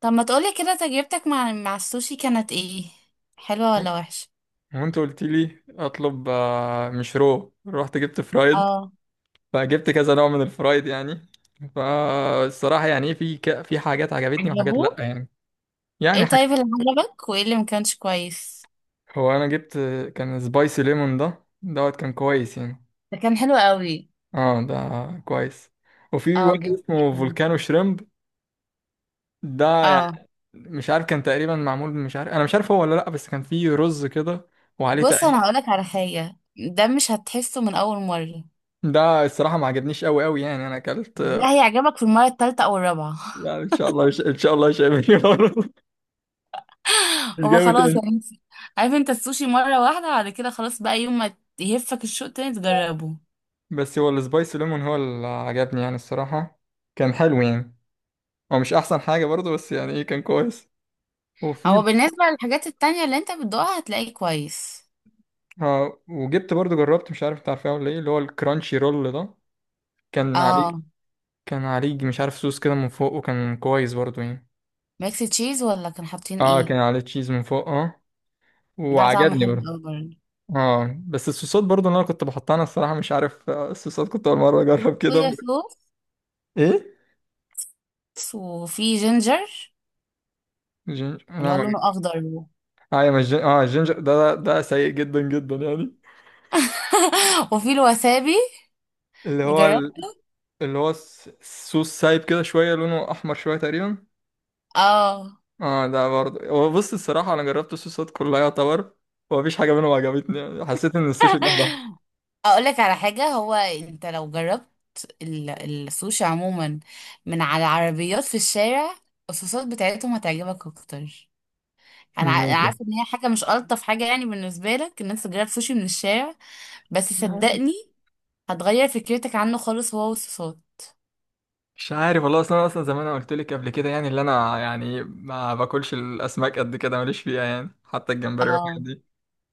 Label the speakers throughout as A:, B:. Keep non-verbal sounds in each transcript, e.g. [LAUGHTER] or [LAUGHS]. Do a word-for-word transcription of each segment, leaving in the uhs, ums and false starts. A: طب ما تقولي كده تجربتك مع مع السوشي كانت ايه؟ حلوة ولا وحشة؟
B: هو انت قلت لي اطلب آه، مش رو رحت جبت فرايد.
A: اه.
B: فجبت كذا نوع من الفرايد يعني. فالصراحة يعني في ك... في حاجات عجبتني وحاجات لا
A: عجبوك؟
B: يعني. يعني
A: ايه
B: حاجة.
A: طيب اللي عجبك وايه اللي ما كانش كويس؟
B: هو انا جبت كان سبايسي ليمون ده دوت كان كويس يعني.
A: ده كان حلو قوي.
B: اه ده كويس. وفي
A: اه
B: واحد
A: جدا.
B: اسمه فولكانو شريمب ده يعني
A: اه.
B: مش عارف، كان تقريبا معمول، مش عارف، انا مش عارف هو ولا لا، بس كان فيه رز كده وعليه
A: بص انا
B: تقريبا.
A: هقولك على حاجة، ده مش هتحسه من اول مرة.
B: ده الصراحة ما عجبنيش قوي قوي يعني انا اكلت.
A: ده هيعجبك في المرة التالتة او الرابعة.
B: يعني ان شاء الله، ان شاء الله مش هيعمل كده برضه. [LAUGHS]
A: [LAUGHS]
B: مش
A: هو
B: جاي
A: خلاص
B: تاني.
A: يعني انت- عارف انت السوشي مرة واحدة، بعد كده خلاص، بقى يوم ما يهفك الشوق تاني تجربه.
B: بس هو السبايسي ليمون هو اللي عجبني يعني الصراحة، كان حلو يعني. هو مش أحسن حاجة برضه بس يعني إيه، كان كويس. وفي،
A: هو بالنسبة للحاجات التانية اللي انت بتدوقها هتلاقيه كويس.
B: ها، وجبت برضه، جربت مش عارف أنت عارفها ولا إيه، اللي هو الكرانشي رول ده كان عليه،
A: اه.
B: كان عليه مش عارف صوص كده من فوق، وكان كويس برضه يعني.
A: ميكس تشيز ولا كان حاطين
B: اه
A: ايه؟
B: كان عليه تشيز من فوق، اه،
A: ده طعمه
B: وعجبني
A: حلو
B: برضه.
A: قوي برضه.
B: اه، بس الصوصات برضه اللي انا كنت بحطها، انا الصراحه مش عارف، آه، الصوصات كنت اول مره اجرب كده.
A: صويا صوص.
B: ايه
A: وفي جينجر.
B: جينجر؟
A: اللي
B: لا
A: هو
B: ما.
A: لونه اخضر [LAUGHS] و-
B: ايوه، مش جن... اه الجينجر ده ده ده سيء جدا جدا يعني.
A: وفي الوسابي.
B: اللي هو
A: جربت؟
B: ال... اللي هو الس- السوس سايب كده شويه، لونه احمر شويه تقريبا.
A: اه.
B: اه ده برضه، هو بص الصراحه انا جربت الصوصات كلها يعتبر، ومفيش حاجه منهم عجبتني يعني، حسيت ان السوشي لوحده.
A: اقول لك على حاجه، هو انت لو جربت ال- السوشي عموما من على عربيات في الشارع، الصوصات بتاعتهم هتعجبك اكتر. انا ع- أنا
B: ممكن.
A: عارفه ان هي حاجه مش الطف حاجه يعني بالنسبه لك ان انت تجرب سوشي من الشارع، بس صدقني، هتغير فكرتك عنه خالص، هو والصوصات.
B: مش عارف والله، اصلا اصلا زي ما انا قلت لك قبل كده، يعني اللي انا يعني ما باكلش الاسماك قد كده، ماليش فيها يعني، حتى الجمبري
A: اه.
B: والحاجات دي.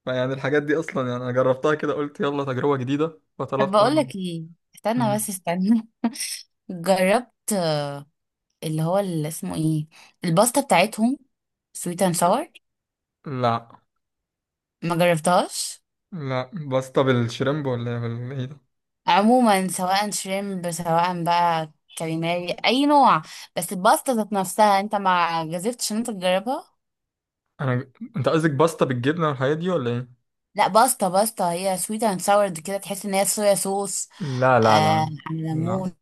B: فيعني الحاجات دي اصلا يعني انا جربتها كده، قلت يلا تجربه جديده،
A: طب
B: فطلبت
A: بقول
B: انا.
A: لك ايه. استنى
B: مم.
A: بس استنى. [LAUGHS] جربت آه، اللي هو اللي اسمه ايه، الباستا بتاعتهم سويت اند ساور؟
B: لا
A: ما جربتهاش؟
B: لا. باستا بالشريمب ولا ايه بال- إيه ده؟
A: عموما سواء شريمب سواء بقى كاليماري اي نوع، بس الباستا ذات نفسها انت ما جازفتش ان انت تجربها.
B: انا ج- انت قصدك باستا بالجبنه والحاجات دي ولا ايه؟
A: لا، باستا باستا هي سويت اند ساور كده، تحس ان هي صويا صوص
B: لا
A: آه
B: لا لا.
A: على
B: لا.
A: ليمون.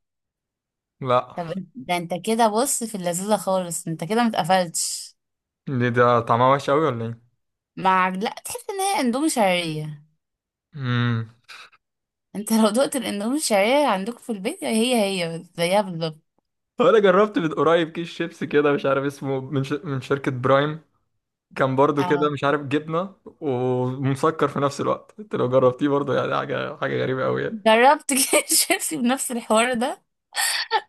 B: لا.
A: طب ده انت كده بص في اللذيذه خالص، انت كده متقفلتش.
B: ليه، ده طعمها وحش قوي ولا ايه؟
A: مع لا تحس ان هي اندومي شعريه.
B: امم.
A: انت لو دقت الاندومي الشعريه عندكم في البيت، هي هي زيها بالظبط.
B: طب انا جربت من قريب كيس شيبسي كده مش عارف اسمه من ش... من شركه برايم، كان برضو كده
A: اه.
B: مش عارف جبنه ومسكر في نفس الوقت، انت لو جربتيه برضو يعني حاجه، حاجه غريبه قوي يعني.
A: جربت كده [LAUGHS] شيبسي بنفس الحوار ده،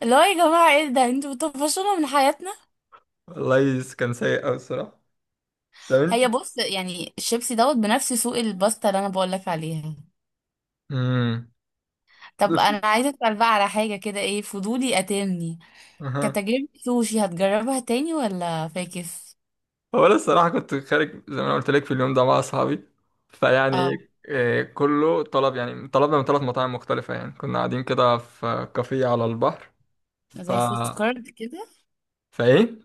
A: اللي هو يا جماعه ايه ده انتوا بتطفشونا من حياتنا.
B: والله كان سيء قوي الصراحه.
A: هي
B: تمام.
A: بص يعني الشيبسي دوت بنفس سوق الباستا اللي انا بقول لك عليها.
B: امم.
A: طب انا عايزه اسال بقى على حاجه كده، ايه فضولي قاتلني.
B: [LAUGHS]
A: كتجربه سوشي هتجربها تاني ولا فاكس؟
B: هو انا الصراحه كنت خارج زي ما انا قلت لك في اليوم ده مع اصحابي،
A: اه.
B: فيعني آه، كله طلب، يعني طلبنا من ثلاث مطاعم مختلفه، يعني كنا قاعدين كده في كافيه على البحر. ف،
A: زي فود كارت كده؟
B: فايه،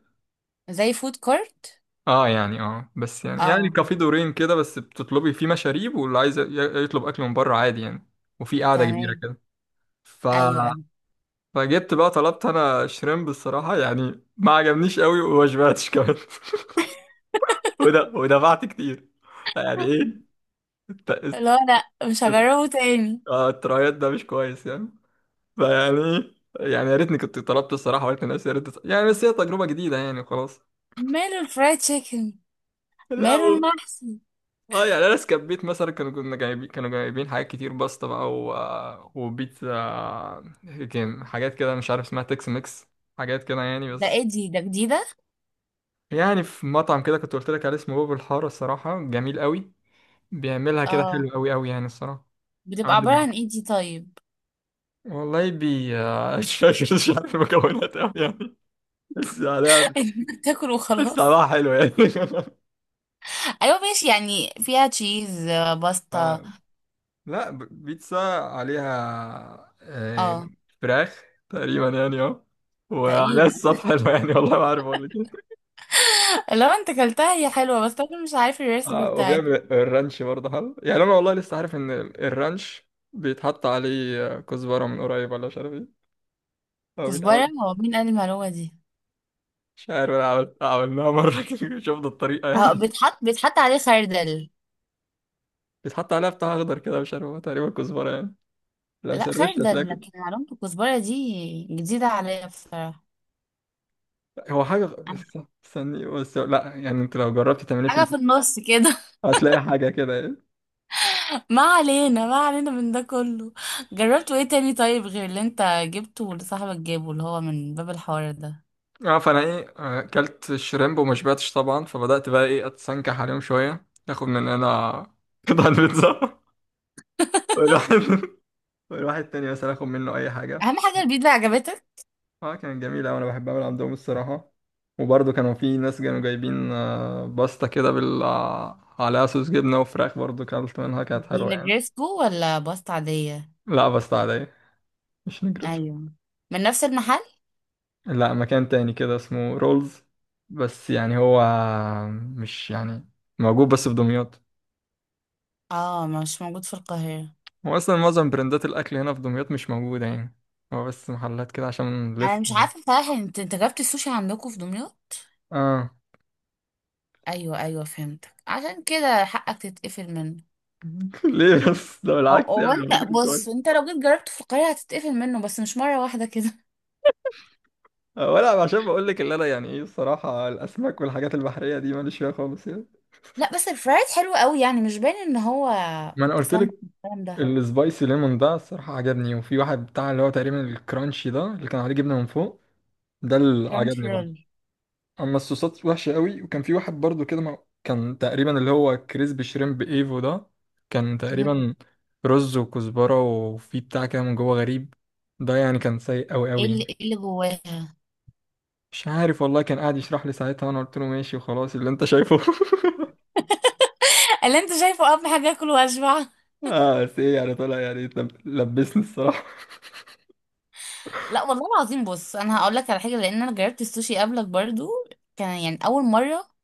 A: زي فود كارت.
B: اه، يعني اه، بس يعني، يعني
A: اه
B: كافيه دورين كده، بس بتطلبي فيه مشاريب، واللي عايز ي- يطلب اكل من بره عادي يعني. وفي قاعده كبيره
A: تمام.
B: كده. ف،
A: ايوه ايوه.
B: فجبت بقى، طلبت انا شريمب الصراحه يعني ما عجبنيش قوي وما شبعتش كمان. [LAUGHS] وده، ودفعت كتير يعني ايه.
A: [LAUGHS] لا لا، مش
B: الت-
A: هجربه تاني.
B: اه الترايات ده مش كويس يعني. فيعني، يعني يا ريتني كنت طلبت الصراحه، وقلت لنفسي يا ريت يعني، بس هي تجربه جديده يعني خلاص.
A: ماله الفرايد تشيكن؟
B: لا
A: ماله
B: و...
A: المحشي؟
B: اه يعني انا سكبيت مثلا، كانوا كنا جايبين كانوا جايبين حاجات كتير، باستا بقى و... وبيتزا. كان حاجات كده مش عارف اسمها تكس ميكس. حاجات كده يعني
A: ده
B: بس.
A: ايه دي؟ ده جديدة؟
B: يعني في مطعم كده كنت قلت لك عليه اسمه باب الحاره، الصراحه جميل قوي، بيعملها كده
A: اه.
B: حلو قوي قوي يعني الصراحه.
A: بتبقى
B: عنده،
A: عبارة عن ايه دي طيب؟
B: والله بي [LAUGHS] مش فاكر، مش عارف المكونات قوي يعني، بس يعني
A: [LAUGHS] إنك تاكل وخلاص.
B: الصراحة حلو يعني. [LAUGHS]
A: ايوه ماشي، يعني فيها تشيز آه، باستا.
B: آه، لا، ب- بيتزا عليها آه،
A: اه.
B: فراخ تقريبا يعني اه. وعليها
A: تقريبا.
B: الصوص حلو يعني، والله ما عارف اقول لك ايه.
A: [LAUGHS] لو انت كلتها هي حلوة، بس انا مش عارف الريسبي
B: آه،
A: بتاعتها.
B: وبيعمل الرانش برضه حلو يعني، انا والله لسه عارف ان ال- الرانش بيتحط عليه آه، كزبره من قريب ولا مش عارف ايه، او بيتعمل
A: كزبرة؟ هو مين قال المعلومة دي؟
B: مش عارف. انا عملت، عملناها مره [LAUGHS] كده، شفنا الطريقه
A: اه،
B: يعني.
A: بيتحط بيتحط عليه خردل.
B: بيتحط عليها بتاع اخضر كده مش عارف، هو تقريبا كزبره يعني. لو
A: لا
B: سرشت
A: خردل،
B: هتلاقي.
A: لكن معلومة الكزبرة دي جديدة عليا بصراحة.
B: هو حاجه، استني بس، لا يعني انت لو جربت تعمليه في،
A: حاجة في النص كده.
B: هتلاقي حاجة كده يعني.
A: ما علينا، ما علينا من ده كله. جربتوا ايه تاني طيب غير اللي انت جبته واللي صاحبك جابه اللي هو من باب الحوار ده؟
B: اه فانا ايه، آه، اكلت الشريمب وما شبعتش طبعا، فبدات بقى ايه، اتسنكح عليهم شويه، اخد من هنا. [LAUGHS] قطع البيتزا، والواحد، والواحد تاني [LAUGHS] مثلا اخد منه اي حاجه.
A: اهم حاجة البيتزا عجبتك.
B: اه كانت جميله، وانا بحب اعمل عندهم الصراحه. وبرضه كانوا في ناس كانوا جايبين آه، باستا كده بال آه، عليها صوص جبنه وفراخ، برضه كلت منها كانت
A: دي
B: حلوه يعني.
A: نجرسكو ولا باستا عادية؟
B: لا باستا عاديه. مش نجرس.
A: ايوه. من نفس المحل؟
B: لا مكان تاني كده اسمه رولز، بس يعني هو، مش يعني، موجود بس في دمياط.
A: اه مش موجود في القاهرة؟
B: هو اصلا معظم براندات الاكل هنا في دمياط مش موجوده يعني، هو بس محلات كده عشان
A: انا
B: لسه.
A: مش عارفة صراحة، انت انت جبت السوشي عندكم في دمياط؟
B: اه.
A: ايوه ايوه فهمتك، عشان كده حقك تتقفل منه.
B: [LAUGHS] ليه بس؟ ده
A: او
B: بالعكس يعني
A: او انت
B: المفروض يكون كويس.
A: بص، انت لو جيت جربته في القاهرة هتتقفل منه، بس مش مرة واحدة كده.
B: آه، ولا عشان بقول لك اللي انا يعني ايه الصراحه الاسماك والحاجات البحريه دي ماليش فيها خالص يعني.
A: لا بس الفرايد حلو قوي يعني مش باين ان هو
B: ما انا قلت لك،
A: سمك الكلام ده.
B: السبايسي ليمون ده الصراحه عجبني، وفي واحد بتاع اللي هو تقريبا الكرانشي ده اللي كان عليه جبنه من فوق، ده اللي
A: فرنش
B: عجبني برضه.
A: رول.
B: اما الصوصات وحشه قوي. وكان في واحد برضو كده ما... كان تقريبا اللي هو كريسبي شريمب ايفو ده، كان
A: مم.
B: تقريبا رز وكزبره وفي بتاع كده من جوه غريب، ده يعني كان سيء قوي
A: ايه
B: قوي
A: اللي ايه اللي جواها؟ [LAUGHS]
B: مش عارف والله، كان قاعد يشرح لي ساعتها وانا قلت له ماشي وخلاص اللي انت شايفه. [LAUGHS]
A: اللي انت شايفه اهم حاجه، اكل واشبع.
B: اه بس ايه، يعني طلع يعني لب- لبسني الصراحه.
A: لا والله العظيم، بص انا هقول لك على حاجه، لان انا جربت السوشي قبلك برضو، كان يعني اول مره،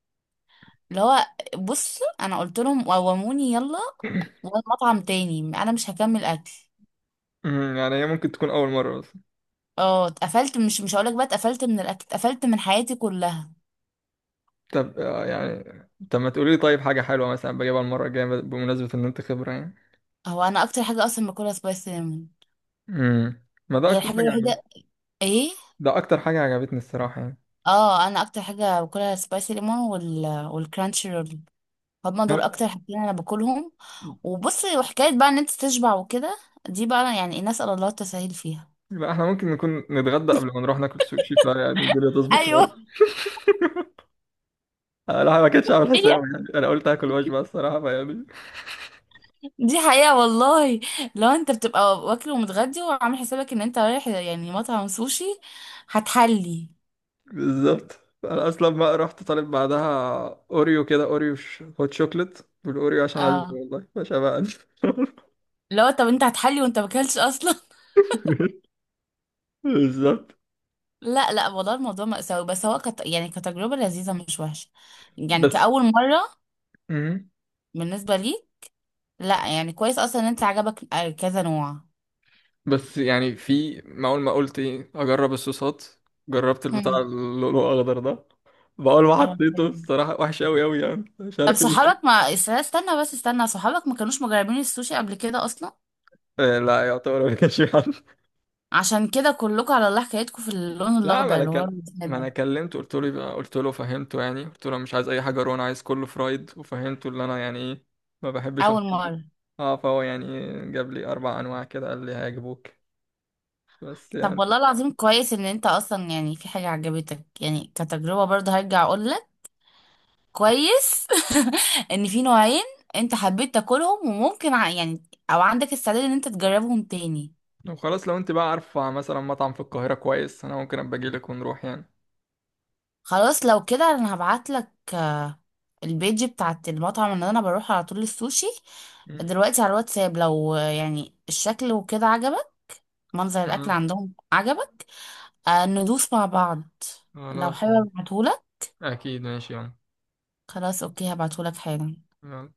A: اللي هو بص انا قلت لهم قوموني يلا،
B: [LAUGHS]
A: والمطعم تاني انا مش هكمل اكل.
B: أمم، يعني هي ممكن تكون اول مره بس.
A: اه اتقفلت، مش مش هقول لك بقى اتقفلت من الاكل، اتقفلت من حياتي كلها.
B: طب آه، يعني، طب ما تقولي لي طيب حاجه حلوه مثلا بجيبها المره الجايه بمناسبه ان انت خبره يعني.
A: هو انا اكتر حاجه اصلا باكلها سبايس سينامون.
B: امم، ما ده
A: هي
B: اكتر
A: الحاجه
B: حاجه،
A: الوحيده. ايه.
B: ده اكتر حاجه عجبتني الصراحه يعني.
A: اه انا اكتر حاجه باكلها سبايسي ليمون، وال والكرانشي رول. هما دول
B: نعم.
A: اكتر حاجتين انا باكلهم. وبصي، وحكايه بقى ان انت تشبع وكده، دي بقى يعني الناس على الله التسهيل فيها.
B: يبقى احنا ممكن نكون نتغدى قبل ما نروح ناكل سوشي، فيعني الدنيا تظبط
A: ايوه.
B: شويه.
A: [LAUGHS]
B: انا ما كنتش عامل حساب يعني، انا قلت هاكل وجبه الصراحه فيعني.
A: دي حقيقه والله. لو انت بتبقى واكل ومتغدي وعامل حسابك ان انت رايح يعني مطعم سوشي، هتحلي.
B: [LAUGHS] بالظبط. انا اصلا ما رحت طالب بعدها اوريو كده، اوريو ش- هوت شوكليت. والاوريو عشان اشبع
A: اه.
B: والله مش هبقى.
A: لو طب انت هتحلي وانت ماكلتش اصلا. [LAUGHS]
B: [LAUGHS] بالظبط.
A: لا لا والله الموضوع مأساوي، بس هو كت... يعني كتجربه لذيذه مش وحشه، يعني
B: بس
A: كأول مره
B: مهم.
A: بالنسبه لي. لا يعني كويس اصلا ان انت عجبك آه، كذا نوع.
B: بس يعني في ما اول ما قلت ايه اجرب الصوصات، جربت البتاع
A: هم.
B: اللؤلؤ الاخضر ده، بقول ما
A: يا رب
B: حطيته
A: حلو.
B: الصراحه، وحش قوي قوي يعني مش
A: طب
B: عارف ايه.
A: صحابك ما است- استنى بس استنى، صحابك ما كانوش مجربين السوشي قبل كده اصلا؟
B: إيه، لا يعتبر ما كانش في حد.
A: عشان كده كلكم على الله حكايتكم في اللون
B: لا، ما
A: الاخضر
B: انا
A: اللي هو
B: كل... ما انا
A: الوسابي.
B: كلمته، قلت له يبقى، قلت له فهمته يعني، قلت له أنا مش عايز اي حاجه، رون عايز كله فرايد، وفهمته اللي انا يعني ايه، ما بحبش
A: اول
B: الحاجات دي.
A: مره.
B: اه فهو يعني جاب لي اربع انواع كده، قال لي هيعجبوك بس
A: طب والله
B: يعني.
A: العظيم كويس ان انت اصلا يعني في حاجه عجبتك، يعني كتجربه برضه هرجع اقول لك كويس، [LAUGHS] ان في نوعين انت حبيت تاكلهم، وممكن ع- يعني او عندك استعداد ان انت تجربهم تاني.
B: لو خلاص، لو انت بقى عارفه مثلا مطعم في القاهره كويس، انا ممكن ابقى اجي لك ونروح يعني.
A: خلاص لو كده انا هبعتلك آه، البيج بتاعت المطعم اللي انا بروح على طول السوشي
B: مم.
A: دلوقتي على الواتساب. لو آه، يعني الشكل وكده عجبك، منظر الاكل
B: تمام.
A: عندهم عجبك، آه، ندوس مع بعض. لو
B: خلاص مم.
A: حابب ابعتهولك.
B: اكيد ماشي يلا.
A: خلاص اوكي، هبعتهولك حالا.
B: يلا.